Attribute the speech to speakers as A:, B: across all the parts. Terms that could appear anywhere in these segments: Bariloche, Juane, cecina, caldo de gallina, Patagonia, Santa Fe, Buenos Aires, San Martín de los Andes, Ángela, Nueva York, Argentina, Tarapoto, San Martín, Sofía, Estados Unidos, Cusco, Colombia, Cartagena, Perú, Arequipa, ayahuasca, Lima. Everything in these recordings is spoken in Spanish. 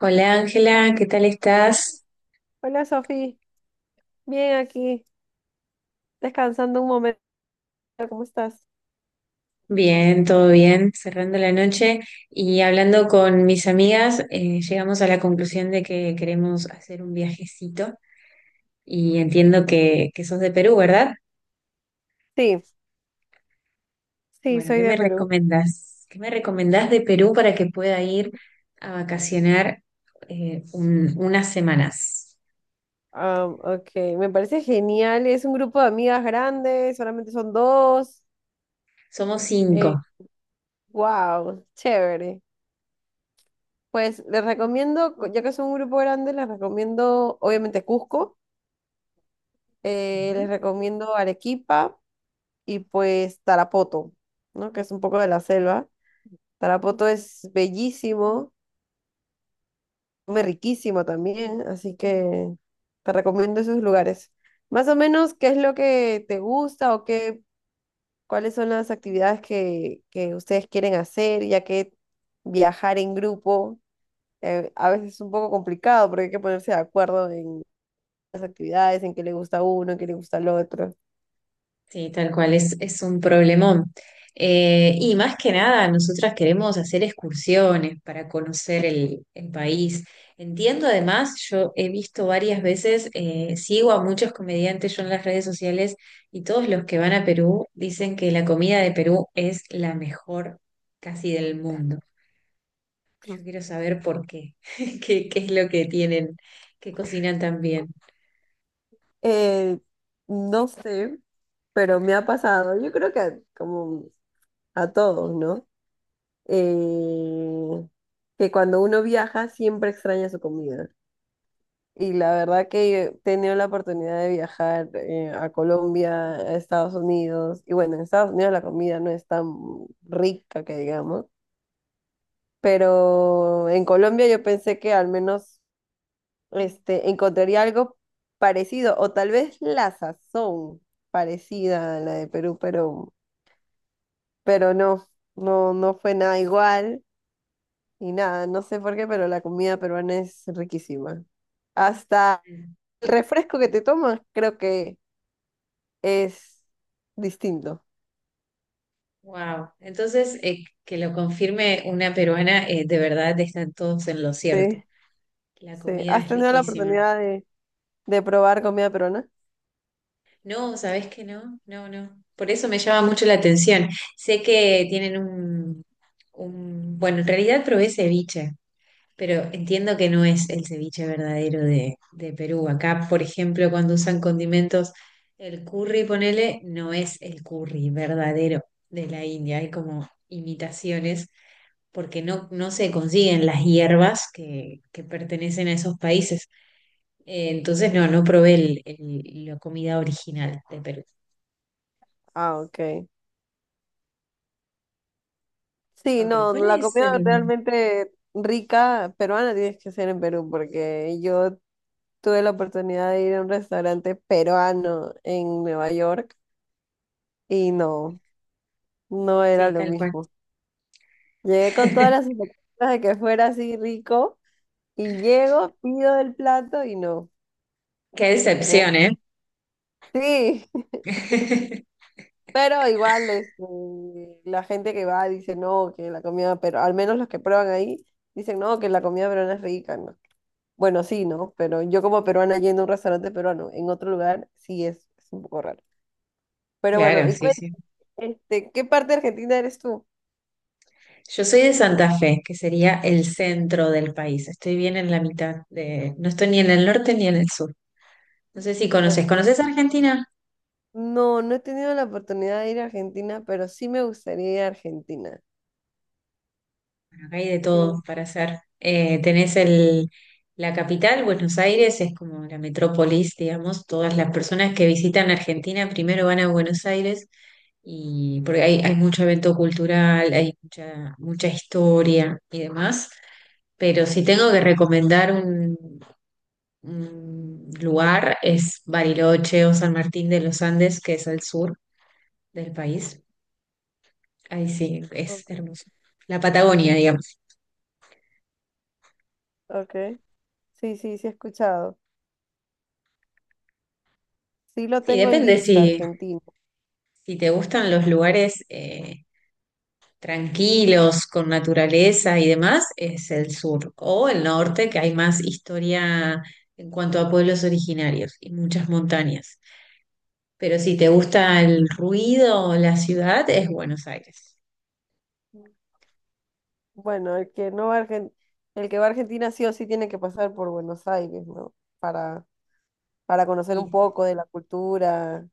A: Hola Ángela, ¿qué tal estás?
B: Hola Sofi, bien aquí, descansando un momento, ¿cómo estás?
A: Bien, todo bien, cerrando la noche y hablando con mis amigas, llegamos a la conclusión de que queremos hacer un viajecito y entiendo que sos de Perú, ¿verdad?
B: Sí, sí,
A: Bueno,
B: soy
A: ¿qué
B: de
A: me
B: Perú.
A: recomendás? ¿Qué me recomendás de Perú para que pueda ir a vacacionar unas semanas?
B: Ah, ok, me parece genial, es un grupo de amigas grandes, solamente son dos.
A: Somos cinco.
B: Eh, wow, chévere. Pues les recomiendo, ya que son un grupo grande, les recomiendo obviamente Cusco, les recomiendo Arequipa y pues Tarapoto, ¿no? Que es un poco de la selva. Tarapoto es bellísimo. Come riquísimo también, así que te recomiendo esos lugares. Más o menos, ¿qué es lo que te gusta o qué, cuáles son las actividades que ustedes quieren hacer, ya que viajar en grupo a veces es un poco complicado porque hay que ponerse de acuerdo en las actividades, en qué le gusta a uno, en qué le gusta al otro.
A: Sí, tal cual, es un problemón. Y más que nada, nosotras queremos hacer excursiones para conocer el país. Entiendo además, yo he visto varias veces, sigo a muchos comediantes yo en las redes sociales y todos los que van a Perú dicen que la comida de Perú es la mejor casi del mundo. Yo quiero saber por qué, qué es lo que tienen, que cocinan tan bien.
B: Eh, no sé, pero me ha pasado. Yo creo que como a todos, ¿no? eh, que cuando uno viaja siempre extraña su comida. Y la verdad que he tenido la oportunidad de viajar a Colombia, a Estados Unidos, y bueno, en Estados Unidos la comida no es tan rica que digamos, pero en Colombia yo pensé que al menos este, encontraría algo parecido, o tal vez la sazón parecida a la de Perú, pero no, no, no fue nada igual. Y nada, no sé por qué, pero la comida peruana es riquísima. Hasta el refresco que te tomas creo que es distinto.
A: Wow. Entonces, que lo confirme una peruana, de verdad están todos en lo cierto.
B: Sí,
A: La
B: sí.
A: comida
B: ¿Has
A: es
B: tenido la
A: riquísima.
B: oportunidad de probar comida peruana?
A: No, ¿sabes que no? No, no. Por eso me llama mucho la atención. Sé que tienen un... Bueno, en realidad probé ceviche, pero entiendo que no es el ceviche verdadero de Perú. Acá, por ejemplo, cuando usan condimentos, el curry, ponele, no es el curry verdadero de la India. Hay como imitaciones porque no, no se consiguen las hierbas que pertenecen a esos países. Entonces, no, no probé la comida original de Perú.
B: Ah, ok. Sí,
A: Ok,
B: no,
A: ¿cuál
B: la
A: es
B: comida
A: el...?
B: realmente rica peruana tienes que ser en Perú, porque yo tuve la oportunidad de ir a un restaurante peruano en Nueva York y no, no era
A: Sí,
B: lo
A: tal cual.
B: mismo. Llegué con todas las expectativas de que fuera así rico. Y llego, pido el plato y no.
A: Qué
B: no
A: decepción,
B: es-
A: ¿eh?
B: Sí, pero igual este, la gente que va dice no, que la comida, pero al menos los que prueban ahí dicen no, que la comida peruana es rica, ¿no? Bueno, sí, ¿no? Pero yo como peruana yendo a un restaurante peruano en otro lugar, sí es un poco raro. Pero bueno,
A: Claro,
B: y
A: sí,
B: cuéntame,
A: sí.
B: este, ¿qué parte de Argentina eres tú?
A: Yo soy de Santa Fe, que sería el centro del país. Estoy bien en la mitad de... No estoy ni en el norte ni en el sur. No sé si
B: ¿O
A: conoces. ¿Conoces Argentina?
B: No, no he tenido la oportunidad de ir a Argentina, pero sí me gustaría ir a Argentina.
A: Bueno, acá hay de
B: Sí,
A: todo para hacer. Tenés la capital, Buenos Aires, es como la metrópolis, digamos. Todas las personas que visitan Argentina primero van a Buenos Aires y porque hay mucho evento cultural, hay mucha, mucha historia y demás. Pero si tengo que recomendar un lugar, es Bariloche o San Martín de los Andes, que es al sur del país. Ahí sí, es
B: ok,
A: hermoso. La
B: ok.
A: Patagonia, digamos.
B: Ok. Sí, sí, sí he escuchado. Sí lo
A: Sí,
B: tengo en
A: depende
B: lista,
A: si
B: Argentina.
A: si te gustan los lugares tranquilos, con naturaleza y demás, es el sur o el norte, que hay más historia en cuanto a pueblos originarios y muchas montañas. Pero si te gusta el ruido, la ciudad, es Buenos Aires.
B: Bueno, el que no va a Argen- el que va a Argentina sí o sí tiene que pasar por Buenos Aires, ¿no? Para, para conocer un
A: Y,
B: poco de la cultura,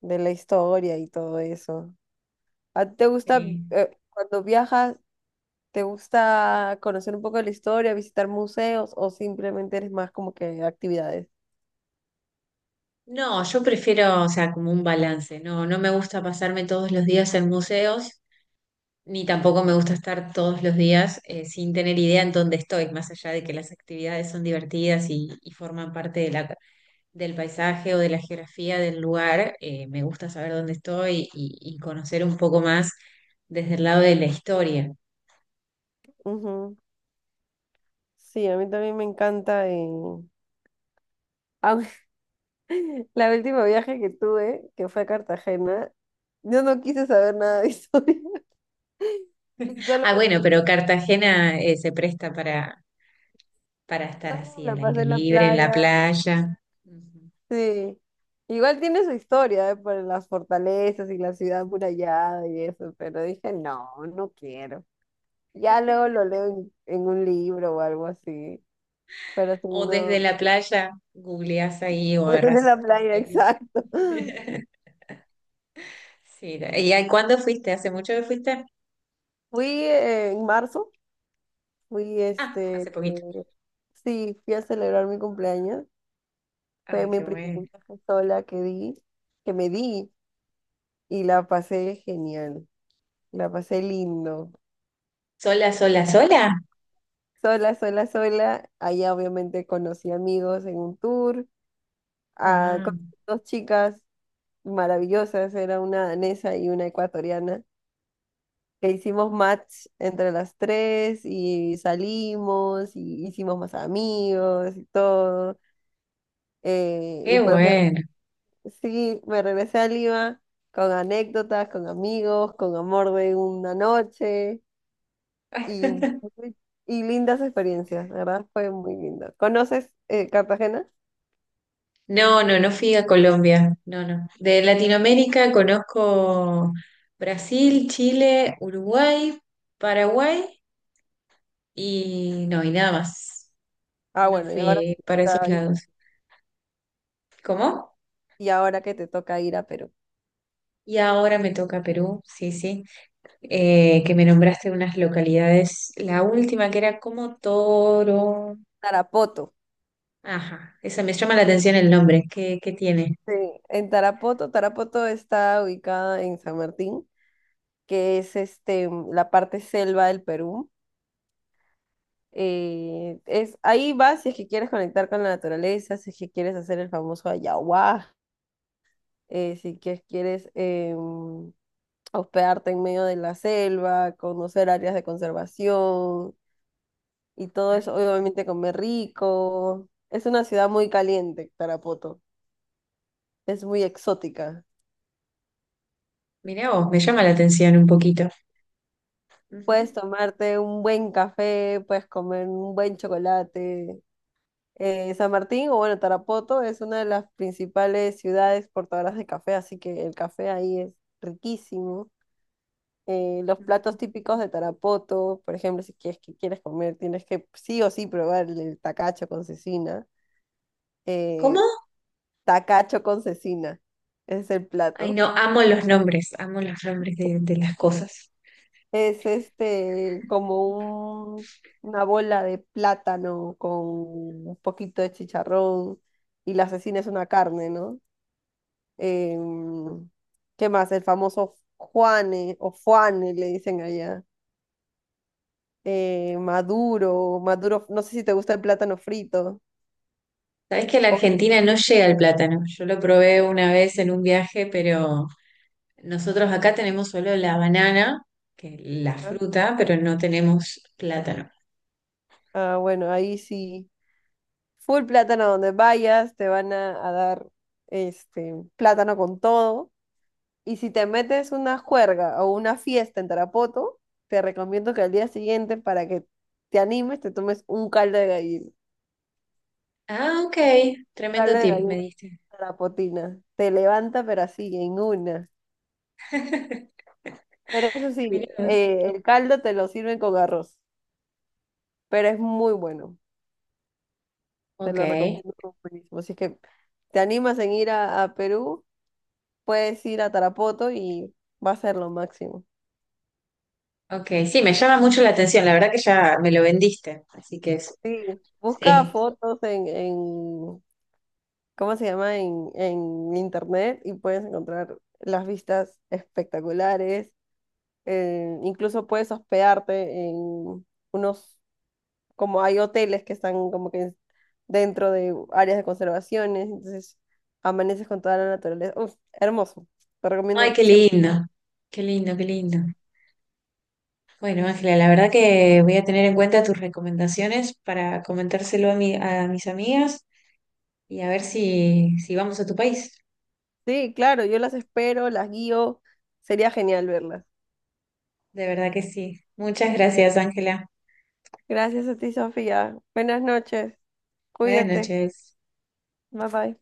B: de la historia y todo eso. ¿A ti te gusta,
A: eh,
B: cuando viajas, te gusta conocer un poco de la historia, visitar museos o simplemente eres más como que actividades?
A: no, yo prefiero, o sea, como un balance. No, no me gusta pasarme todos los días en museos, ni tampoco me gusta estar todos los días sin tener idea en dónde estoy, más allá de que las actividades son divertidas y forman parte de del paisaje o de la geografía del lugar, me gusta saber dónde estoy y conocer un poco más desde el lado de la historia.
B: Ujú. Sí, a mí también me encanta. Aunque la última viaje que tuve, que fue a Cartagena, yo no quise saber nada de historia y solo
A: Ah,
B: me la
A: bueno,
B: pasé en
A: pero
B: la,
A: Cartagena, se presta para estar
B: solo me
A: así,
B: la
A: al aire
B: pasé en la
A: libre, en la
B: playa.
A: playa. Ujú.
B: Sí, igual tiene su historia, ¿eh? Por las fortalezas y la ciudad amurallada y eso, pero dije, no, no quiero. Ya luego lo leo en un libro o algo así, pero si
A: O desde
B: no,
A: la playa googleás ahí o agarrás
B: desde la
A: el
B: playa,
A: celu.
B: exacto.
A: Sí, ¿y ahí cuándo fuiste? ¿Hace mucho que fuiste?
B: Fui en marzo, fui
A: Ah,
B: este,
A: hace poquito.
B: sí, fui a celebrar mi cumpleaños. Fue
A: Ay,
B: mi
A: qué
B: primer
A: bueno.
B: viaje sola que di, que me di y la pasé genial, la pasé lindo.
A: ¿Sola, sola, sola?
B: Sola, sola, sola. Allá obviamente conocí amigos en un tour, ah,
A: Wow,
B: conocí dos chicas maravillosas, era una danesa y una ecuatoriana, que hicimos match entre las tres y salimos y hicimos más amigos y todo. eh, y
A: qué
B: pues
A: bueno.
B: Sí, me regresé a Lima con anécdotas, con amigos, con amor de una noche y, y lindas experiencias, la ¿verdad? Fue muy lindo. ¿Conoces Cartagena?
A: No, no, no fui a Colombia. No, no. De Latinoamérica conozco Brasil, Chile, Uruguay, Paraguay y no, y nada más.
B: Ah,
A: No
B: bueno,
A: fui para esos lados. ¿Cómo?
B: y ahora que te toca ir a Perú.
A: Y ahora me toca Perú, sí, sí. Que me nombraste unas localidades. La última que era como Toro.
B: Tarapoto.
A: Ajá, esa me llama la atención el nombre. ¿Qué, qué tiene?
B: Sí, en Tarapoto. Tarapoto está ubicada en San Martín, que es este, la parte selva del Perú. Ahí vas si es que quieres conectar con la naturaleza, si es que quieres hacer el famoso ayahuasca, si que quieres hospedarte en medio de la selva, conocer áreas de conservación y todo eso, obviamente comer rico. Es una ciudad muy caliente, Tarapoto. Es muy exótica.
A: Mirá vos, me llama la atención un poquito.
B: Puedes
A: Ujú.
B: tomarte un buen café, puedes comer un buen chocolate. San Martín, o bueno, Tarapoto es una de las principales ciudades portadoras de café, así que el café ahí es riquísimo. Los platos típicos de Tarapoto, por ejemplo, si quieres, que quieres comer, tienes que sí o sí probar el tacacho con cecina.
A: ¿Cómo?
B: Eh, Tacacho con cecina es el
A: Ay,
B: plato.
A: no, amo los nombres de las cosas.
B: Es este una bola de plátano con un poquito de chicharrón y la cecina es una carne, ¿no? Em, ¿Qué más? El famoso Juane o Juane le dicen allá, maduro, maduro, no sé si te gusta el plátano frito.
A: Sabés que a la Argentina no llega el plátano. Yo lo probé una vez en un viaje, pero nosotros acá tenemos solo la banana, que es la
B: Ojalá.
A: fruta, pero no tenemos plátano.
B: Ah, bueno, ahí sí. Full plátano donde vayas, te van a dar este plátano con todo. Y si te metes una juerga o una fiesta en Tarapoto, te recomiendo que al día siguiente, para que te animes, te tomes un caldo de gallina.
A: Ah, ok, tremendo
B: Caldo de
A: tip me
B: gallina
A: diste.
B: tarapotina. Te levanta, pero así, en una. Pero eso sí,
A: Mirá vos.
B: el caldo te lo sirven con arroz, pero es muy bueno. Te
A: Ok,
B: lo recomiendo como buenísimo. Así que te animas en ir a Perú. Puedes ir a Tarapoto y va a ser lo máximo.
A: ok, sí, me llama mucho la atención. La verdad que ya me lo vendiste, así que es
B: Sí. Busca
A: sí.
B: fotos en ¿cómo se llama? En internet y puedes encontrar las vistas espectaculares. Incluso puedes hospedarte en unos, como hay hoteles que están como que dentro de áreas de conservaciones, entonces amaneces con toda la naturaleza. Uf, hermoso. Te
A: Ay,
B: recomiendo
A: qué
B: siempre.
A: lindo, qué lindo, qué lindo. Bueno, Ángela, la verdad que voy a tener en cuenta tus recomendaciones para comentárselo a, mi, a mis amigas y a ver si vamos a tu país.
B: Sí, claro, yo las espero, las guío. Sería genial verlas.
A: De verdad que sí. Muchas gracias, Ángela.
B: Gracias a ti, Sofía. Buenas noches.
A: Buenas
B: Cuídate.
A: noches.
B: Bye bye.